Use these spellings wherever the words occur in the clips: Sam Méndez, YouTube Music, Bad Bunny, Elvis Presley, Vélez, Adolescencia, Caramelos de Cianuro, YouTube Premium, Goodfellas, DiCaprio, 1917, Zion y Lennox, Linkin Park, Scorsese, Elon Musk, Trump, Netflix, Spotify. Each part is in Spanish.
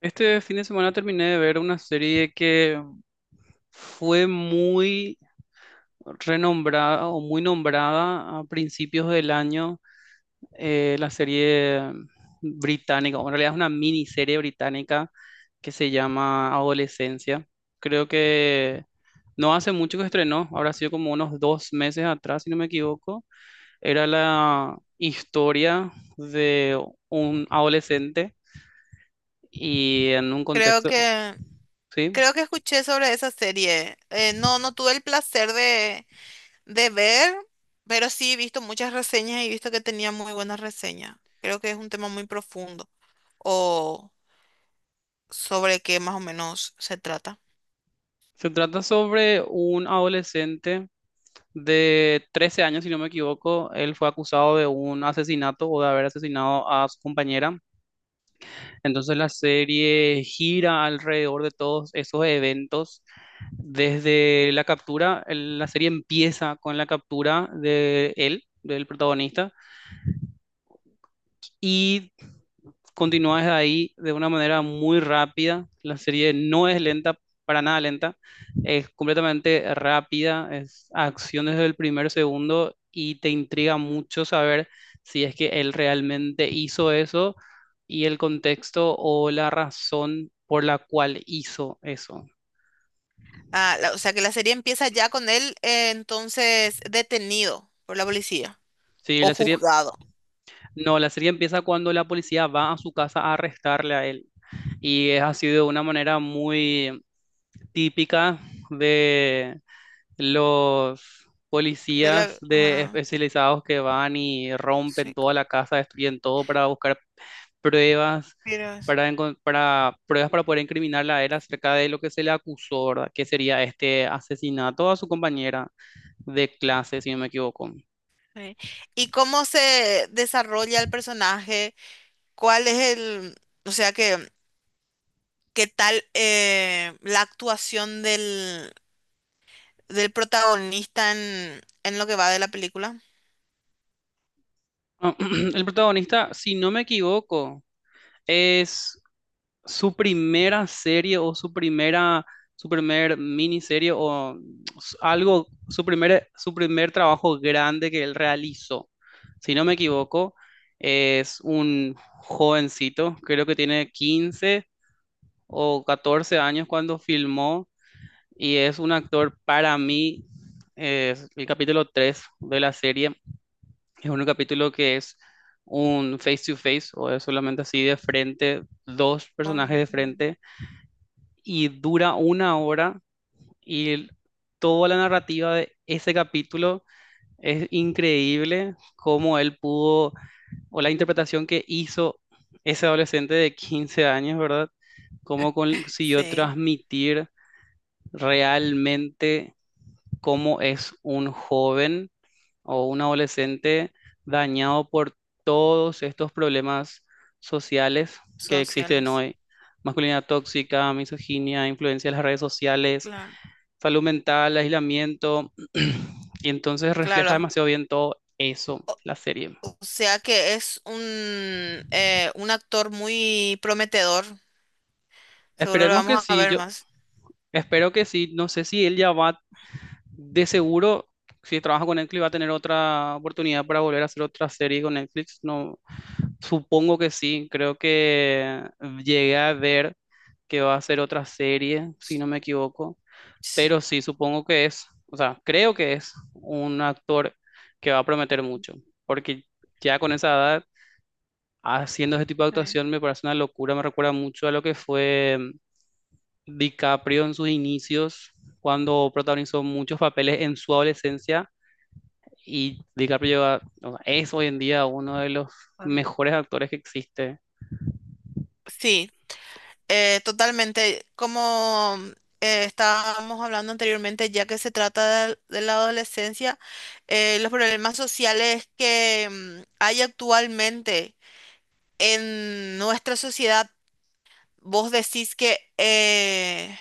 Este fin de semana terminé de ver una serie que fue muy renombrada o muy nombrada a principios del año, la serie británica, o en realidad es una miniserie británica que se llama Adolescencia. Creo que no hace mucho que estrenó, habrá sido como unos dos meses atrás, si no me equivoco. Era la historia de un adolescente y en un Creo contexto, que, ¿sí? creo que escuché sobre esa serie. No, no tuve el placer de ver, pero sí he visto muchas reseñas y he visto que tenía muy buenas reseñas. Creo que es un tema muy profundo o sobre qué más o menos se trata. Se trata sobre un adolescente de 13 años, si no me equivoco. Él fue acusado de un asesinato o de haber asesinado a su compañera. Entonces la serie gira alrededor de todos esos eventos. Desde la captura, la serie empieza con la captura de él, del protagonista, y continúas de ahí de una manera muy rápida. La serie no es lenta, para nada lenta, es completamente rápida, es acción desde el primer segundo y te intriga mucho saber si es que él realmente hizo eso y el contexto o la razón por la cual hizo eso. Ah, la- o sea que la serie empieza ya con él entonces detenido por la policía Sí, o juzgado. no, la serie empieza cuando la policía va a su casa a arrestarle a él y es así de una manera muy típica de los De policías la, de ah, especializados que van y rompen sí, toda co- la casa, destruyen todo para buscar pruebas, pero- es- para pruebas para poder incriminarla a él acerca de lo que se le acusó, ¿verdad? Que sería este asesinato a su compañera de clase, si no me equivoco. sí. ¿Y cómo se desarrolla el personaje? ¿Cuál es el... O sea que qué tal la actuación del, del protagonista en lo que va de la película. El protagonista, si no me equivoco, es su primera serie o su primera, su primer miniserie o algo, su primer trabajo grande que él realizó. Si no me equivoco, es un jovencito, creo que tiene 15 o 14 años cuando filmó y es un actor para mí, es el capítulo 3 de la serie, es un capítulo que es un face to face o es solamente así de frente, dos personajes Con- de frente y dura una hora y toda la narrativa de ese capítulo es increíble cómo él pudo o la interpretación que hizo ese adolescente de 15 años, ¿verdad? Cómo consiguió Sí, transmitir realmente cómo es un joven o un adolescente dañado por todos estos problemas sociales que existen sociales. hoy. Masculinidad tóxica, misoginia, influencia de las redes sociales, Claro. salud mental, aislamiento. Y entonces refleja Claro. demasiado bien todo eso, la serie. O sea que es un actor muy prometedor. Seguro lo Esperemos que vamos a sí, ver yo más. espero que sí. No sé si él ya va, de seguro, si trabaja con Netflix, va a tener otra oportunidad para volver a hacer otra serie con Netflix. No, supongo que sí, creo que llegué a ver que va a ser otra serie, si no me equivoco, Sí. pero sí, supongo que es, o sea, creo que es un actor que va a prometer mucho, porque ya con esa edad, haciendo ese tipo de Sí, actuación me parece una locura, me recuerda mucho a lo que fue DiCaprio en sus inicios, cuando protagonizó muchos papeles en su adolescencia, y o sea, es hoy en día uno de los claro. mejores actores que existe. Sí, totalmente, como estábamos hablando anteriormente, ya que se trata de la adolescencia, los problemas sociales que hay actualmente en nuestra sociedad, vos decís que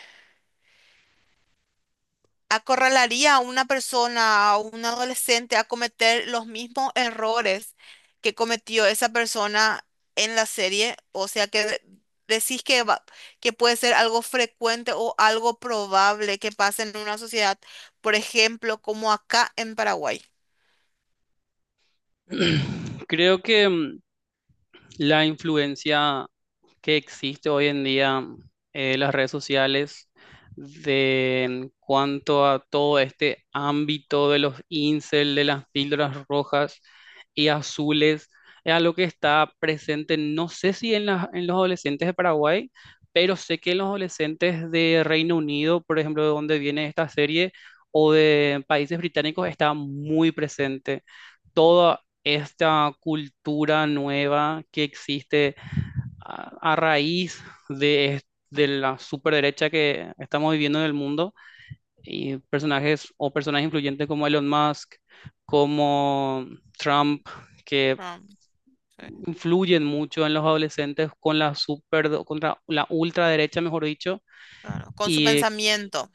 acorralaría a una persona, a un adolescente, a cometer los mismos errores que cometió esa persona en la serie. O sea que de- decís que va- que puede ser algo frecuente o algo probable que pase en una sociedad, por ejemplo, como acá en Paraguay. Creo que la influencia que existe hoy en día, las redes sociales, de en cuanto a todo este ámbito de los incel, de las píldoras rojas y azules, es algo que está presente, no sé si en los adolescentes de Paraguay, pero sé que en los adolescentes de Reino Unido, por ejemplo, de donde viene esta serie, o de países británicos, está muy presente. Todo esta cultura nueva que existe a raíz de la superderecha que estamos viviendo en el mundo y personajes o personajes influyentes como Elon Musk, como Trump, que Ah, sí, influyen mucho en los adolescentes con contra la ultraderecha, mejor dicho, claro, con su y pensamiento,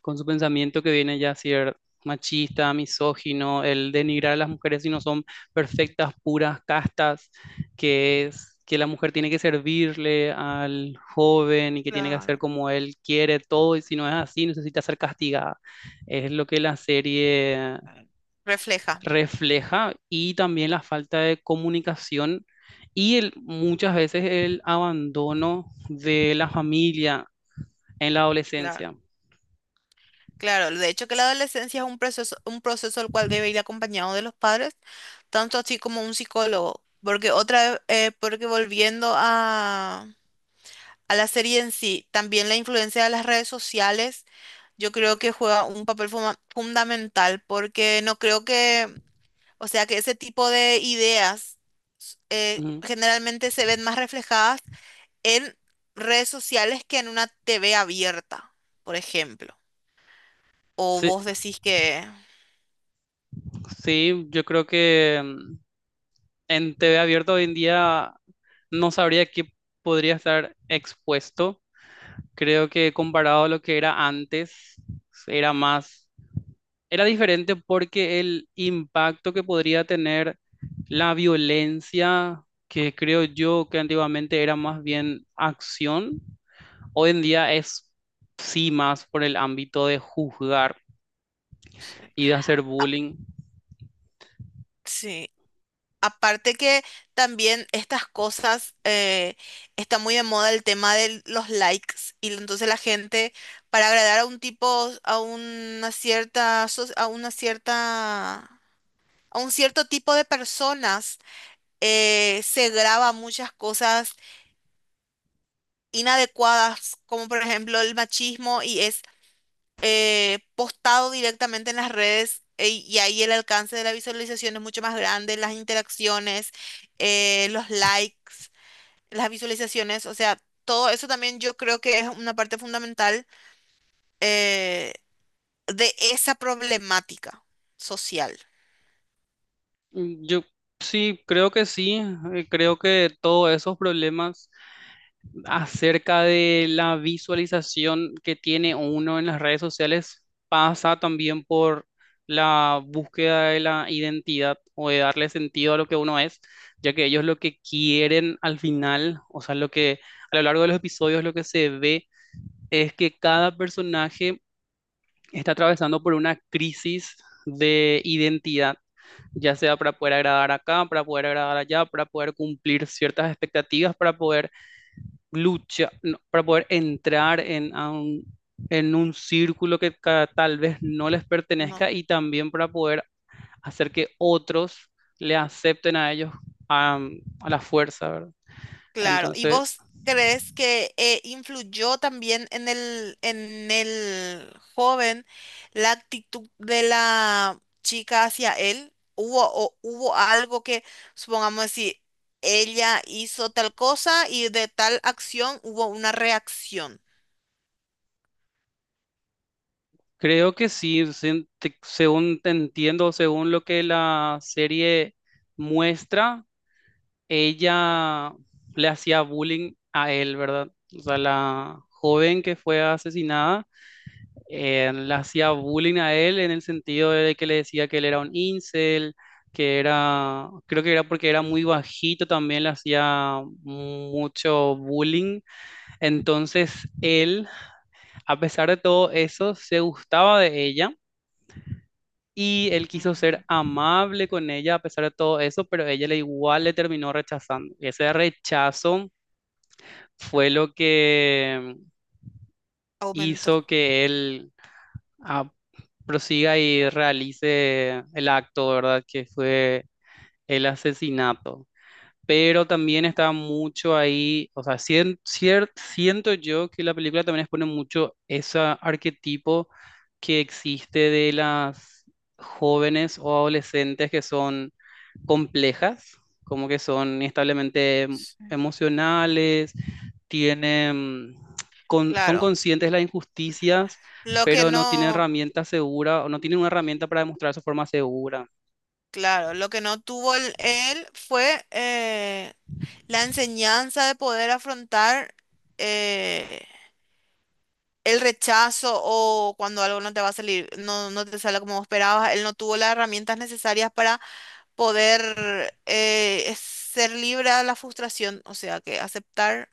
con su pensamiento que viene ya a ser machista, misógino, el denigrar a las mujeres si no son perfectas, puras, castas, que es que la mujer tiene que servirle al joven y que tiene que hacer claro, como él quiere todo y si no es así necesita ser castigada. Es lo que la serie refleja. refleja, y también la falta de comunicación y muchas veces el abandono de la familia en la Claro. adolescencia. Claro, de hecho que la adolescencia es un proceso el cual debe ir acompañado de los padres, tanto así como un psicólogo, porque otra vez, porque volviendo a la serie en sí, también la influencia de las redes sociales, yo creo que juega un papel fuma- fundamental, porque no creo que, o sea, que ese tipo de ideas Ujú. generalmente se ven más reflejadas en redes sociales que en una TV abierta, por ejemplo. O Sí, vos decís que... sí, yo creo que en TV abierta hoy en día no sabría qué podría estar expuesto. Creo que comparado a lo que era antes, era más, era diferente porque el impacto que podría tener la violencia, que creo yo que antiguamente era más bien acción, hoy en día es sí más por el ámbito de juzgar Sí. y de hacer bullying. Sí. Aparte que también estas cosas está muy de moda el tema de los likes y entonces la gente para agradar a un tipo, a una cierta, so- a una cierta, a un cierto tipo de personas se graba muchas cosas inadecuadas como por ejemplo el machismo y es postado directamente en las redes e- y ahí el alcance de la visualización es mucho más grande, las interacciones, los likes, las visualizaciones, o sea, todo eso también yo creo que es una parte fundamental eh, de esa problemática social. Yo sí. Creo que todos esos problemas acerca de la visualización que tiene uno en las redes sociales pasa también por la búsqueda de la identidad o de darle sentido a lo que uno es, ya que ellos lo que quieren al final, o sea, lo que a lo largo de los episodios lo que se ve es que cada personaje está atravesando por una crisis de identidad ya sea para poder agradar acá, para poder agradar allá, para poder cumplir ciertas expectativas, para poder luchar, no, para poder entrar en un círculo que tal vez no les ¿No? pertenezca y también para poder hacer que otros le acepten a ellos, a la fuerza, ¿verdad? Claro, ¿y Entonces, vos crees que influyó también en el joven la actitud de la chica hacia él? ¿Hubo, o, hubo algo que, supongamos, decir ella hizo tal cosa y de tal acción hubo una reacción? creo que sí, según te entiendo, según lo que la serie muestra, ella le hacía bullying a él, ¿verdad? O sea, la joven que fue asesinada, le hacía bullying a él en el sentido de que le decía que él era un incel, creo que era porque era muy bajito, también le hacía mucho bullying. Entonces él, a pesar de todo eso, se gustaba de ella. Y él quiso ser amable con ella a pesar de todo eso, pero ella le igual le terminó rechazando. Y ese rechazo fue lo que Aumento. hizo que él, ah, prosiga y realice el acto, ¿verdad? Que fue el asesinato, pero también está mucho ahí, o sea, siento yo que la película también expone mucho ese arquetipo que existe de las jóvenes o adolescentes que son complejas, como que son establemente Sí. emocionales, tienen, son Claro, conscientes de las injusticias, lo que pero no tienen no, herramientas seguras o no tienen una herramienta para demostrar su forma segura. claro, lo que no tuvo el- él fue la enseñanza de poder afrontar eh, el rechazo o cuando algo no te va a salir, no, no te sale como vos esperabas, él no tuvo las herramientas necesarias para poder es- ser libre de la frustración, o sea, que aceptar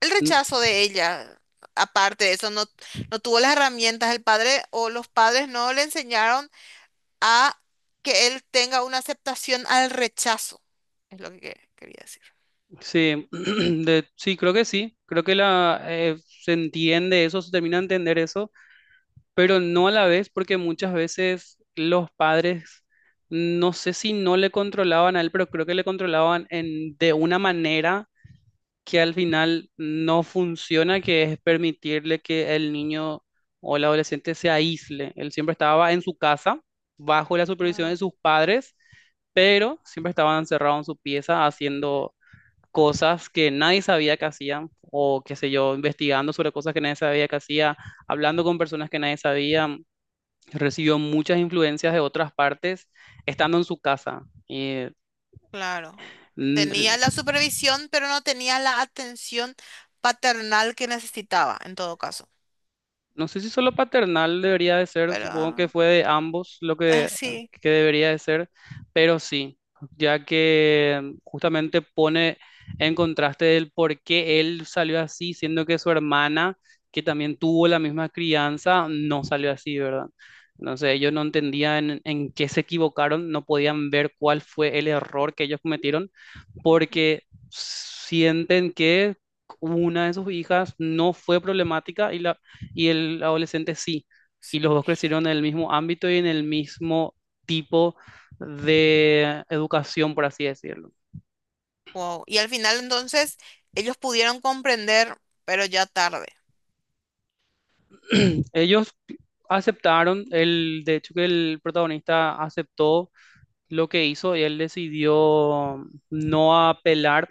el rechazo de ella. Aparte de eso, no, no tuvo las herramientas el padre o los padres no le enseñaron a que él tenga una aceptación al rechazo, es lo que quería decir. Sí, sí. Creo que se entiende eso, se termina de entender eso, pero no a la vez, porque muchas veces los padres, no sé si no le controlaban a él, pero creo que le controlaban de una manera que al final no funciona, que es permitirle que el niño o el adolescente se aísle. Él siempre estaba en su casa, bajo la supervisión de Claro. sus padres, pero siempre estaba encerrado en su pieza haciendo cosas que nadie sabía que hacían, o qué sé yo, investigando sobre cosas que nadie sabía que hacía, hablando con personas que nadie sabía, recibió muchas influencias de otras partes, estando en su casa. Y Claro. mm, Tenía la supervisión, pero no tenía la atención paternal que necesitaba, en todo caso. no sé si solo paternal debería de ser, Pero supongo que fue de ambos lo que, sí. que debería de ser, pero sí, ya que justamente pone en contraste el por qué él salió así, siendo que su hermana, que también tuvo la misma crianza, no salió así, ¿verdad? Entonces ellos no entendían en qué se equivocaron, no podían ver cuál fue el error que ellos cometieron, Ujú. porque sienten que... una de sus hijas no fue problemática y el adolescente sí. Y los dos crecieron en el mismo ámbito y en el mismo tipo de educación, por así decirlo. Wow. Y al final entonces ellos pudieron comprender, pero ya tarde. Ellos aceptaron, de hecho que el protagonista aceptó lo que hizo y él decidió no apelar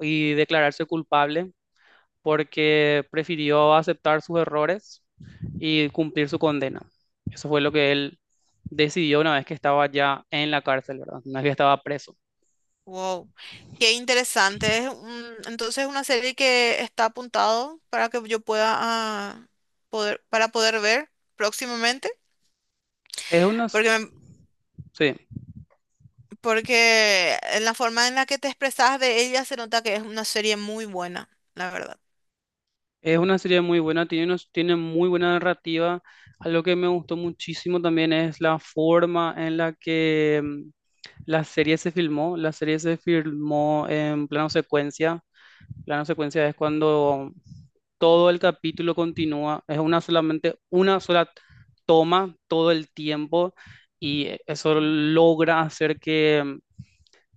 y declararse culpable porque prefirió aceptar sus errores y cumplir su condena. Eso fue lo que él decidió una vez que estaba ya en la cárcel, ¿verdad? Una vez que estaba preso. Wow. Qué interesante. Es un- entonces una serie que está apuntado para que yo pueda ah, poder, para poder ver próximamente. Es una, Porque, s- me- sí, porque en la forma en la que te expresas de ella se nota que es una serie muy buena, la verdad. es una serie muy buena, tiene muy buena narrativa. Algo que me gustó muchísimo también es la forma en la que, la serie se filmó. La serie se filmó en plano secuencia. Plano secuencia es cuando todo el capítulo continúa, es una solamente una sola toma todo el tiempo y eso Mm, logra hacer que,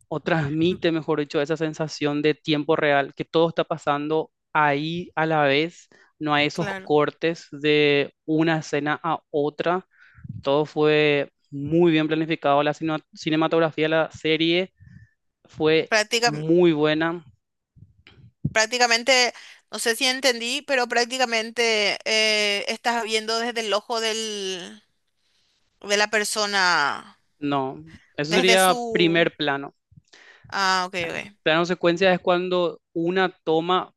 o transmite, mejor dicho, esa sensación de tiempo real, que todo está pasando ahí a la vez, no hay esos Claro, cortes de una escena a otra, todo fue muy bien planificado, la cinematografía de la serie fue Práctica- muy buena. prácticamente, no sé si entendí, pero prácticamente estás viendo desde el ojo del, de la persona, No, eso desde sería su... primer plano. Ah, ok, ok. Plano secuencia es cuando una toma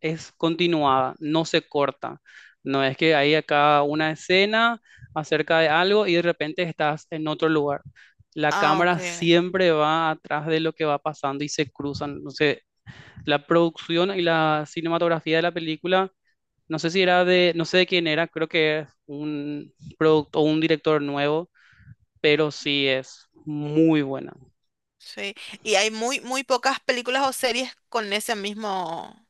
es continuada, no se corta. No es que hay acá una escena acerca de algo y de repente estás en otro lugar. La Ah, ok. cámara Ok. siempre va atrás de lo que va pasando y se cruzan. Entonces, la producción y la cinematografía de la película, no sé si era no sé de quién era, creo que es un producto o un director nuevo, pero sí es muy buena. Sí. Y hay muy, muy pocas películas o series con ese mismo,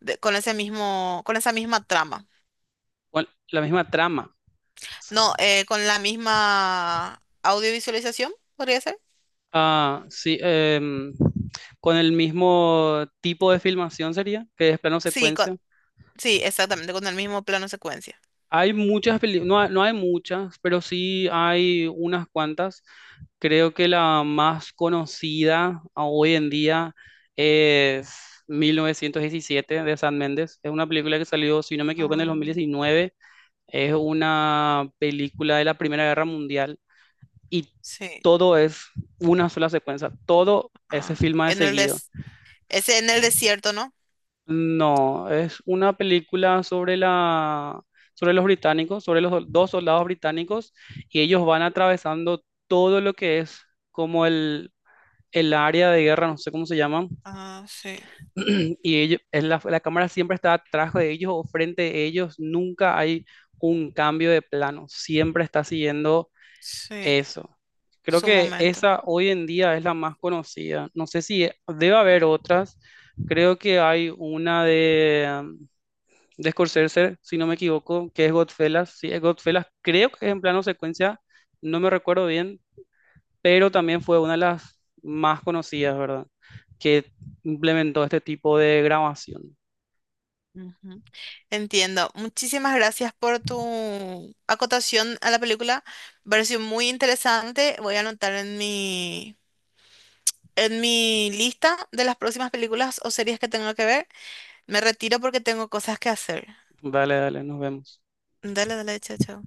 de- con ese mismo, con esa misma trama. Bueno, la misma trama. No, con la misma audiovisualización, podría ser. Ah, sí, con el mismo tipo de filmación sería, que es plano Sí, con, secuencia. sí, exactamente, con el mismo plano secuencia. Hay muchas películas, no, no hay muchas, pero sí hay unas cuantas. Creo que la más conocida, hoy en día, es 1917 de San Méndez. Es una película que salió, si no me equivoco, en el Ah, 2019. Es una película de la Primera Guerra Mundial y sí. todo es una sola secuencia. Todo se Ah, filma de en el seguido. des es en el desierto, ¿no? No, es una película sobre la, sobre los británicos, sobre los dos soldados británicos, y ellos van atravesando todo lo que es como el área de guerra, no sé cómo se llaman, Ah, sí, y ellos, la cámara siempre está atrás de ellos o frente de ellos, nunca hay un cambio de plano, siempre está siguiendo sí, eso. Creo su que momento. esa hoy en día es la más conocida. No sé si debe haber otras. Creo que hay una de Scorsese, si no me equivoco, que es Godfellas. Sí, es Godfellas. Creo que es en plano secuencia, no me recuerdo bien, pero también fue una de las más conocidas, ¿verdad? Que implementó este tipo de grabación. Ujú. Entiendo. Muchísimas gracias por tu acotación a la película. Me pareció muy interesante. Voy a anotar en mi lista de las próximas películas o series que tengo que ver. Me retiro porque tengo cosas que hacer. Dale, dale, nos vemos. Dale, dale, chao, chao.